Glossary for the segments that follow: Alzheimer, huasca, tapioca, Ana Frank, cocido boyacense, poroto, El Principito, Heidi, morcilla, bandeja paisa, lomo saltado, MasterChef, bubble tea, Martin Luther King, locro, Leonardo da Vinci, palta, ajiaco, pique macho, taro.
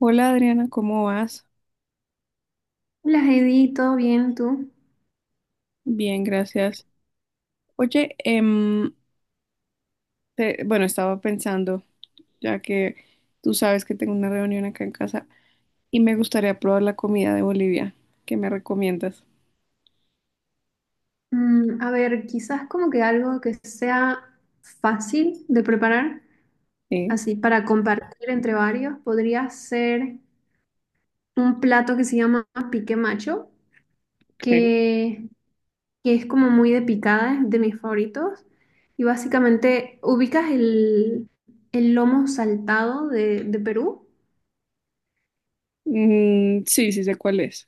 Hola Adriana, ¿cómo vas? Las Heidi, ¿todo bien tú? Bien, gracias. Oye, bueno, estaba pensando, ya que tú sabes que tengo una reunión acá en casa y me gustaría probar la comida de Bolivia. ¿Qué me recomiendas? Mm, a ver, quizás como que algo que sea fácil de preparar, Sí, así para compartir entre varios, podría ser un plato que se llama pique macho, ok. que, que es como muy de picada, es de mis favoritos. Y básicamente, ¿ubicas el lomo saltado de Perú? Mm, sí, sí sé cuál es.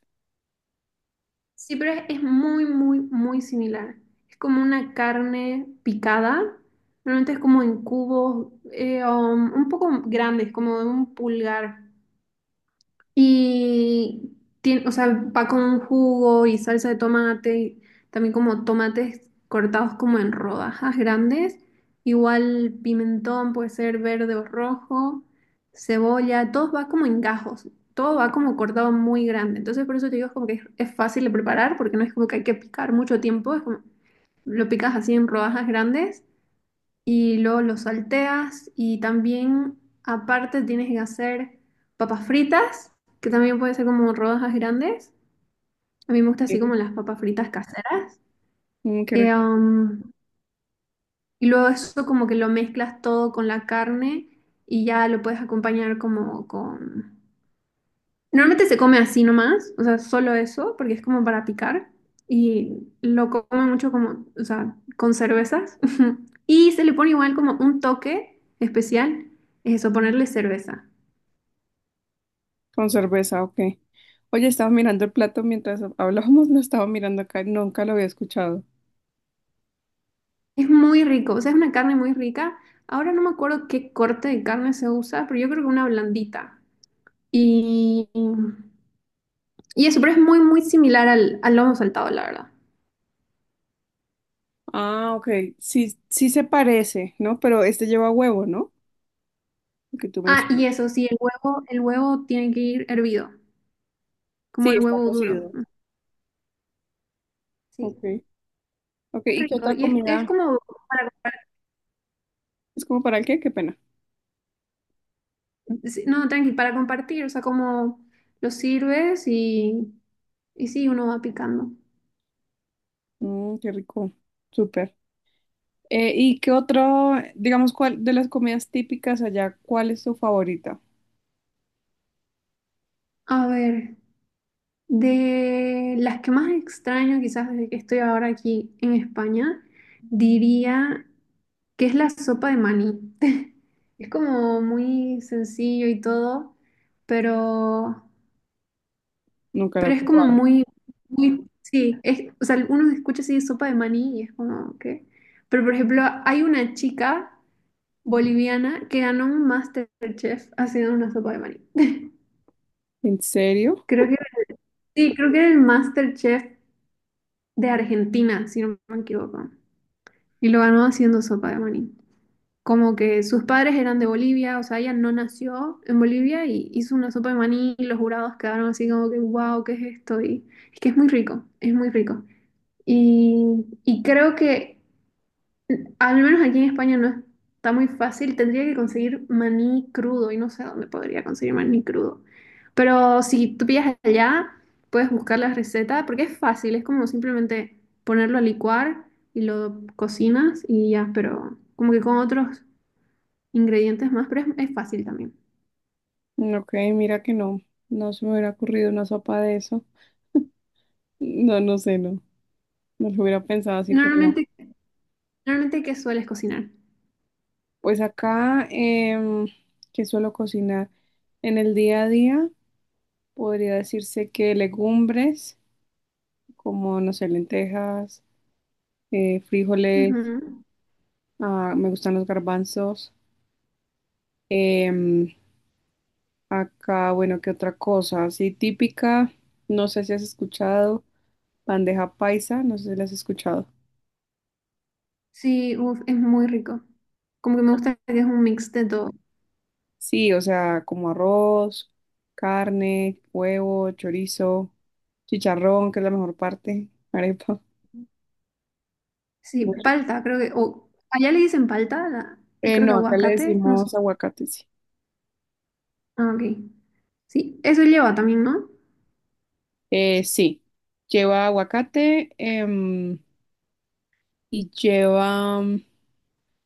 Sí, pero es muy, muy, muy similar. Es como una carne picada. Normalmente es como en cubos un poco grandes, como de un pulgar. Y tiene, o sea, va con un jugo y salsa de tomate, también como tomates cortados como en rodajas grandes, igual pimentón puede ser verde o rojo, cebolla, todo va como en gajos, todo va como cortado muy grande. Entonces por eso te digo es como que es fácil de preparar porque no es como que hay que picar mucho tiempo, es como lo picas así en rodajas grandes y luego lo salteas y también aparte tienes que hacer papas fritas, que también puede ser como rodajas grandes. A mí me gusta así Dime. como las papas fritas caseras. Mm, qué Eh, rico. um, y luego eso como que lo mezclas todo con la carne y ya lo puedes acompañar como con. Normalmente se come así nomás, o sea, solo eso, porque es como para picar. Y lo come mucho como, o sea, con cervezas. Y se le pone igual como un toque especial, es eso, ponerle cerveza. Con cerveza, ok. Oye, estaba mirando el plato mientras hablábamos, lo estaba mirando acá, nunca lo había escuchado. Es muy rico, o sea, es una carne muy rica. Ahora no me acuerdo qué corte de carne se usa, pero yo creo que una blandita. Y, y eso, pero es muy, muy similar al lomo saltado, la verdad. Ah, ok. Sí, sí se parece, ¿no? Pero este lleva huevo, ¿no? Lo que tú Ah, y mencionas. eso, sí, el huevo tiene que ir hervido, como Sí, el está huevo duro, cocido. ¿no? Sí. Ok, ok. ¿Y qué Rico. otra Y es comida? como para compartir. ¿Es como para el qué? Qué pena. Sí, no, tranqui, para compartir, o sea, como lo sirves y sí, uno va picando. Mm, qué rico. Súper. ¿Y qué otro, digamos, cuál de las comidas típicas allá, cuál es tu favorita? A ver, de las que más extraño quizás desde que estoy ahora aquí en España, diría que es la sopa de maní. Es como muy sencillo y todo, pero. Nunca la he Pero es como probado. muy, muy, sí, es, o sea, uno escucha así sopa de maní y es como que... Pero por ejemplo, hay una chica boliviana que ganó un MasterChef haciendo una sopa de maní. ¿En serio? Creo que, sí, creo que era el MasterChef de Argentina, si no me equivoco. Y lo ganó haciendo sopa de maní. Como que sus padres eran de Bolivia, o sea, ella no nació en Bolivia y hizo una sopa de maní y los jurados quedaron así como que, wow, ¿qué es esto? Y es que es muy rico, es muy rico. Y creo que, al menos aquí en España, no está muy fácil. Tendría que conseguir maní crudo y no sé dónde podría conseguir maní crudo. Pero si tú pillas allá, puedes buscar la receta porque es fácil. Es como simplemente ponerlo a licuar y lo cocinas y ya, pero como que con otros ingredientes más, pero es fácil también. Mm, ok, mira que no. No se me hubiera ocurrido una sopa de eso. No, no sé, no. No lo hubiera pensado así, pero no. Normalmente, normalmente, ¿qué sueles cocinar? Pues acá, que suelo cocinar en el día a día, podría decirse que legumbres, como, no sé, lentejas, frijoles, Ujú. ah, me gustan los garbanzos. Em, acá, bueno, ¿qué otra cosa? Así típica, no sé si has escuchado, bandeja paisa, no sé si la has escuchado. Sí, uf, es muy rico. Como que me gusta que es un mix de todo. Sí, o sea, como arroz, carne, huevo, chorizo, chicharrón, que es la mejor parte, arepa. Sí, Muy rico. palta, creo que. O allá le dicen palta, la- creo que No, acá le aguacate, no sé. decimos aguacate, sí. Ah, ok. Sí, eso lleva también, ¿no? Sí, lleva aguacate, y lleva...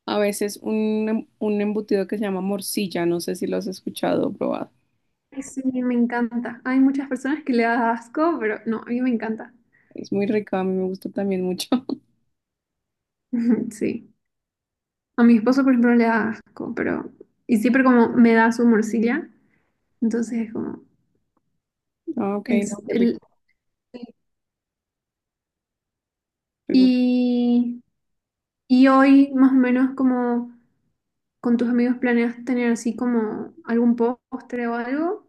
A veces un, un embutido que se llama morcilla, no sé si lo has escuchado o probado. Ay, sí, me encanta. Hay muchas personas que le da asco, pero no, a mí me encanta. Es muy rica, a mí me gusta también mucho. Sí. A mi esposo, por ejemplo, le da asco, pero. Y siempre como me da su morcilla. Entonces, como. Ah, ok, no, Es qué rico. el. Qué rico. Y, y hoy, más o menos, como con tus amigos, ¿planeas tener así como algún postre o algo?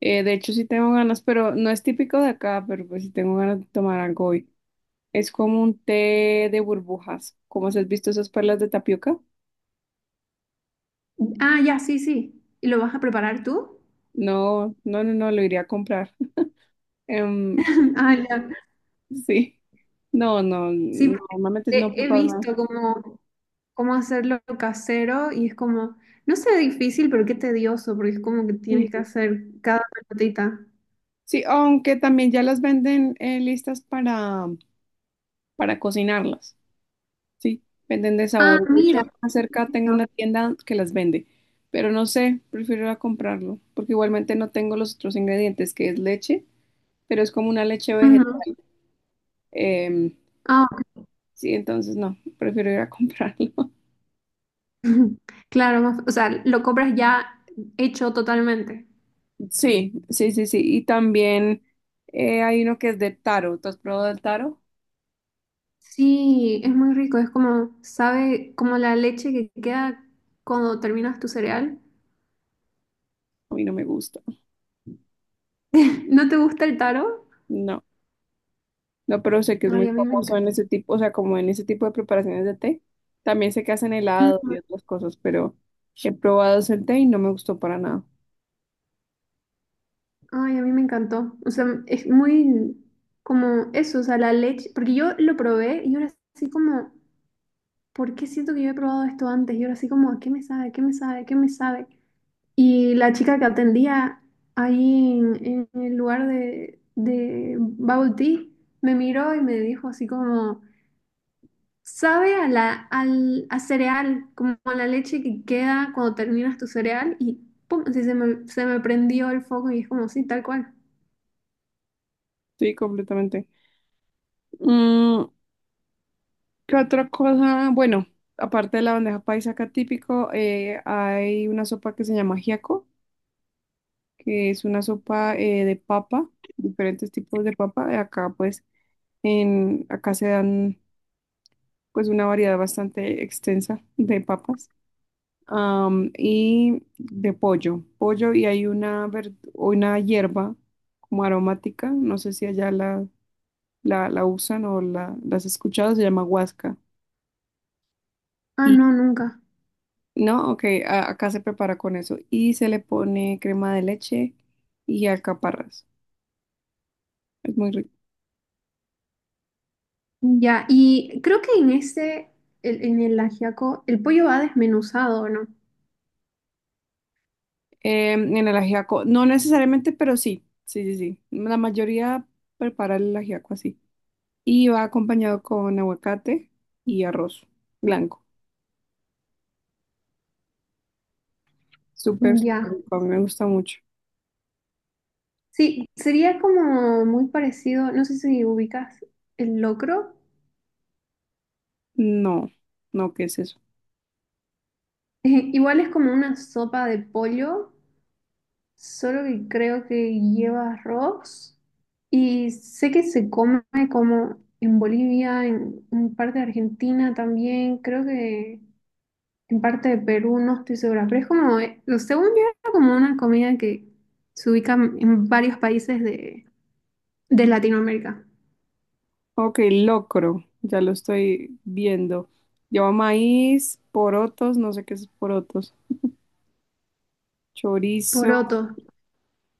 De hecho, sí tengo ganas, pero no es típico de acá, pero pues sí tengo ganas de tomar algo hoy. Es como un té de burbujas. ¿Cómo se has visto esas perlas de tapioca? Ah, ya, sí, sí. ¿Y lo vas a preparar tú? No, no, no, no, lo iría a comprar. Em, Ah, ya. sí. No, no, Sí, no, porque normalmente no he preparo nada. visto como cómo hacerlo casero y es como, no sé, difícil, pero qué tedioso, porque es como que Sí, tienes que hacer cada pelotita. sí, aunque también ya las venden, listas para cocinarlas. Sí, venden de Ah, sabores. De hecho, mira. acá cerca tengo Perfecto. una tienda que las vende, pero no sé, prefiero ir a comprarlo, porque igualmente no tengo los otros ingredientes, que es leche, pero es como una leche vegetal. Ujú. em, Ah, sí, entonces no, prefiero ir a comprarlo. claro, más- o sea, lo compras ya hecho totalmente. Sí, sí, sí, sí. Y también, hay uno que es de taro. ¿Tú has probado el taro? Sí, es muy rico, es como, sabe, como la leche que queda cuando terminas tu cereal. A mí no me gusta. ¿No te gusta el taro? No. No, pero sé que es muy Ay, a mí me. famoso en ese tipo, o sea, como en ese tipo de preparaciones de té. También sé que hacen helado y Ujú. otras cosas, pero he probado ese té y no me gustó para nada. Ay, a mí me encantó. O sea, es muy como eso, o sea, la leche, porque yo lo probé y ahora así como, ¿por qué siento que yo he probado esto antes? Y ahora así como, ¿a qué me sabe? ¿Qué me sabe? ¿Qué me sabe? Y la chica que atendía ahí en el lugar de bubble tea me miró y me dijo así como, sabe a la, al, a cereal, como a la leche que queda cuando terminas tu cereal y pum, así se me prendió el foco y es como, sí, tal cual. Sí, completamente. Mm, ¿qué otra cosa? Bueno, aparte de la bandeja paisa acá típico, hay una sopa que se llama giaco, que es una sopa, de papa, diferentes tipos de papa. Acá pues, en, acá se dan pues una variedad bastante extensa de papas, y de pollo. Pollo y hay una, una hierba como aromática, no sé si allá la, la usan o la, las has escuchado, se llama huasca. Ah, Y no, nunca. no, ok, acá se prepara con eso y se le pone crema de leche y alcaparras. Es muy rico. Ya, y creo que en este, el- en el ajiaco, el pollo va desmenuzado, ¿no? Em, en el ajiaco, no necesariamente, pero sí, sí, sí, sí. La mayoría prepara el ajiaco así, y va acompañado con aguacate y arroz blanco. Súper, súper Ya. rico, me gusta mucho. Sí, sería como muy parecido, no sé si ubicas el locro. No, no, ¿qué es eso? Igual es como una sopa de pollo, solo que creo que lleva arroz. Y sé que se come como en Bolivia, en parte de Argentina también, creo que en parte de Perú, no estoy segura, pero es como, según yo, era como una comida que se ubica en varios países de Latinoamérica. Ok, locro, ya lo estoy viendo. Lleva maíz, porotos, no sé qué es porotos, chorizo. Porotos.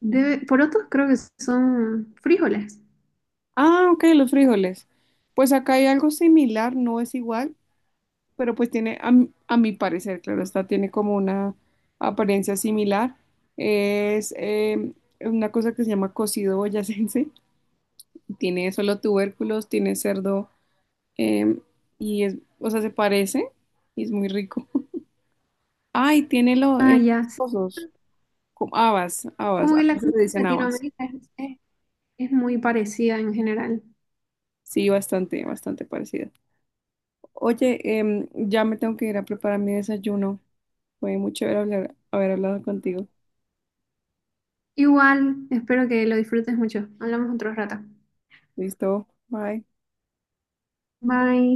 Debe, porotos creo que son frijoles. Ah, ok, los frijoles. Pues acá hay algo similar, no es igual, pero pues tiene, a, mi parecer, claro, esta tiene como una apariencia similar. Es una cosa que se llama cocido boyacense. Tiene solo tubérculos, tiene cerdo, eh, y es, o sea, se parece y es muy rico. Ay, tiene los Ah, ya. Sí. cosos, como habas, habas, Como que acá la se comida le de dicen habas. Latinoamérica es muy parecida en general. Sí, bastante, bastante parecida. Oye, ya me tengo que ir a preparar mi desayuno. Fue muy chévere haber hablado contigo. Igual, espero que lo disfrutes mucho. Hablamos otro rato. Listo, bye. Bye.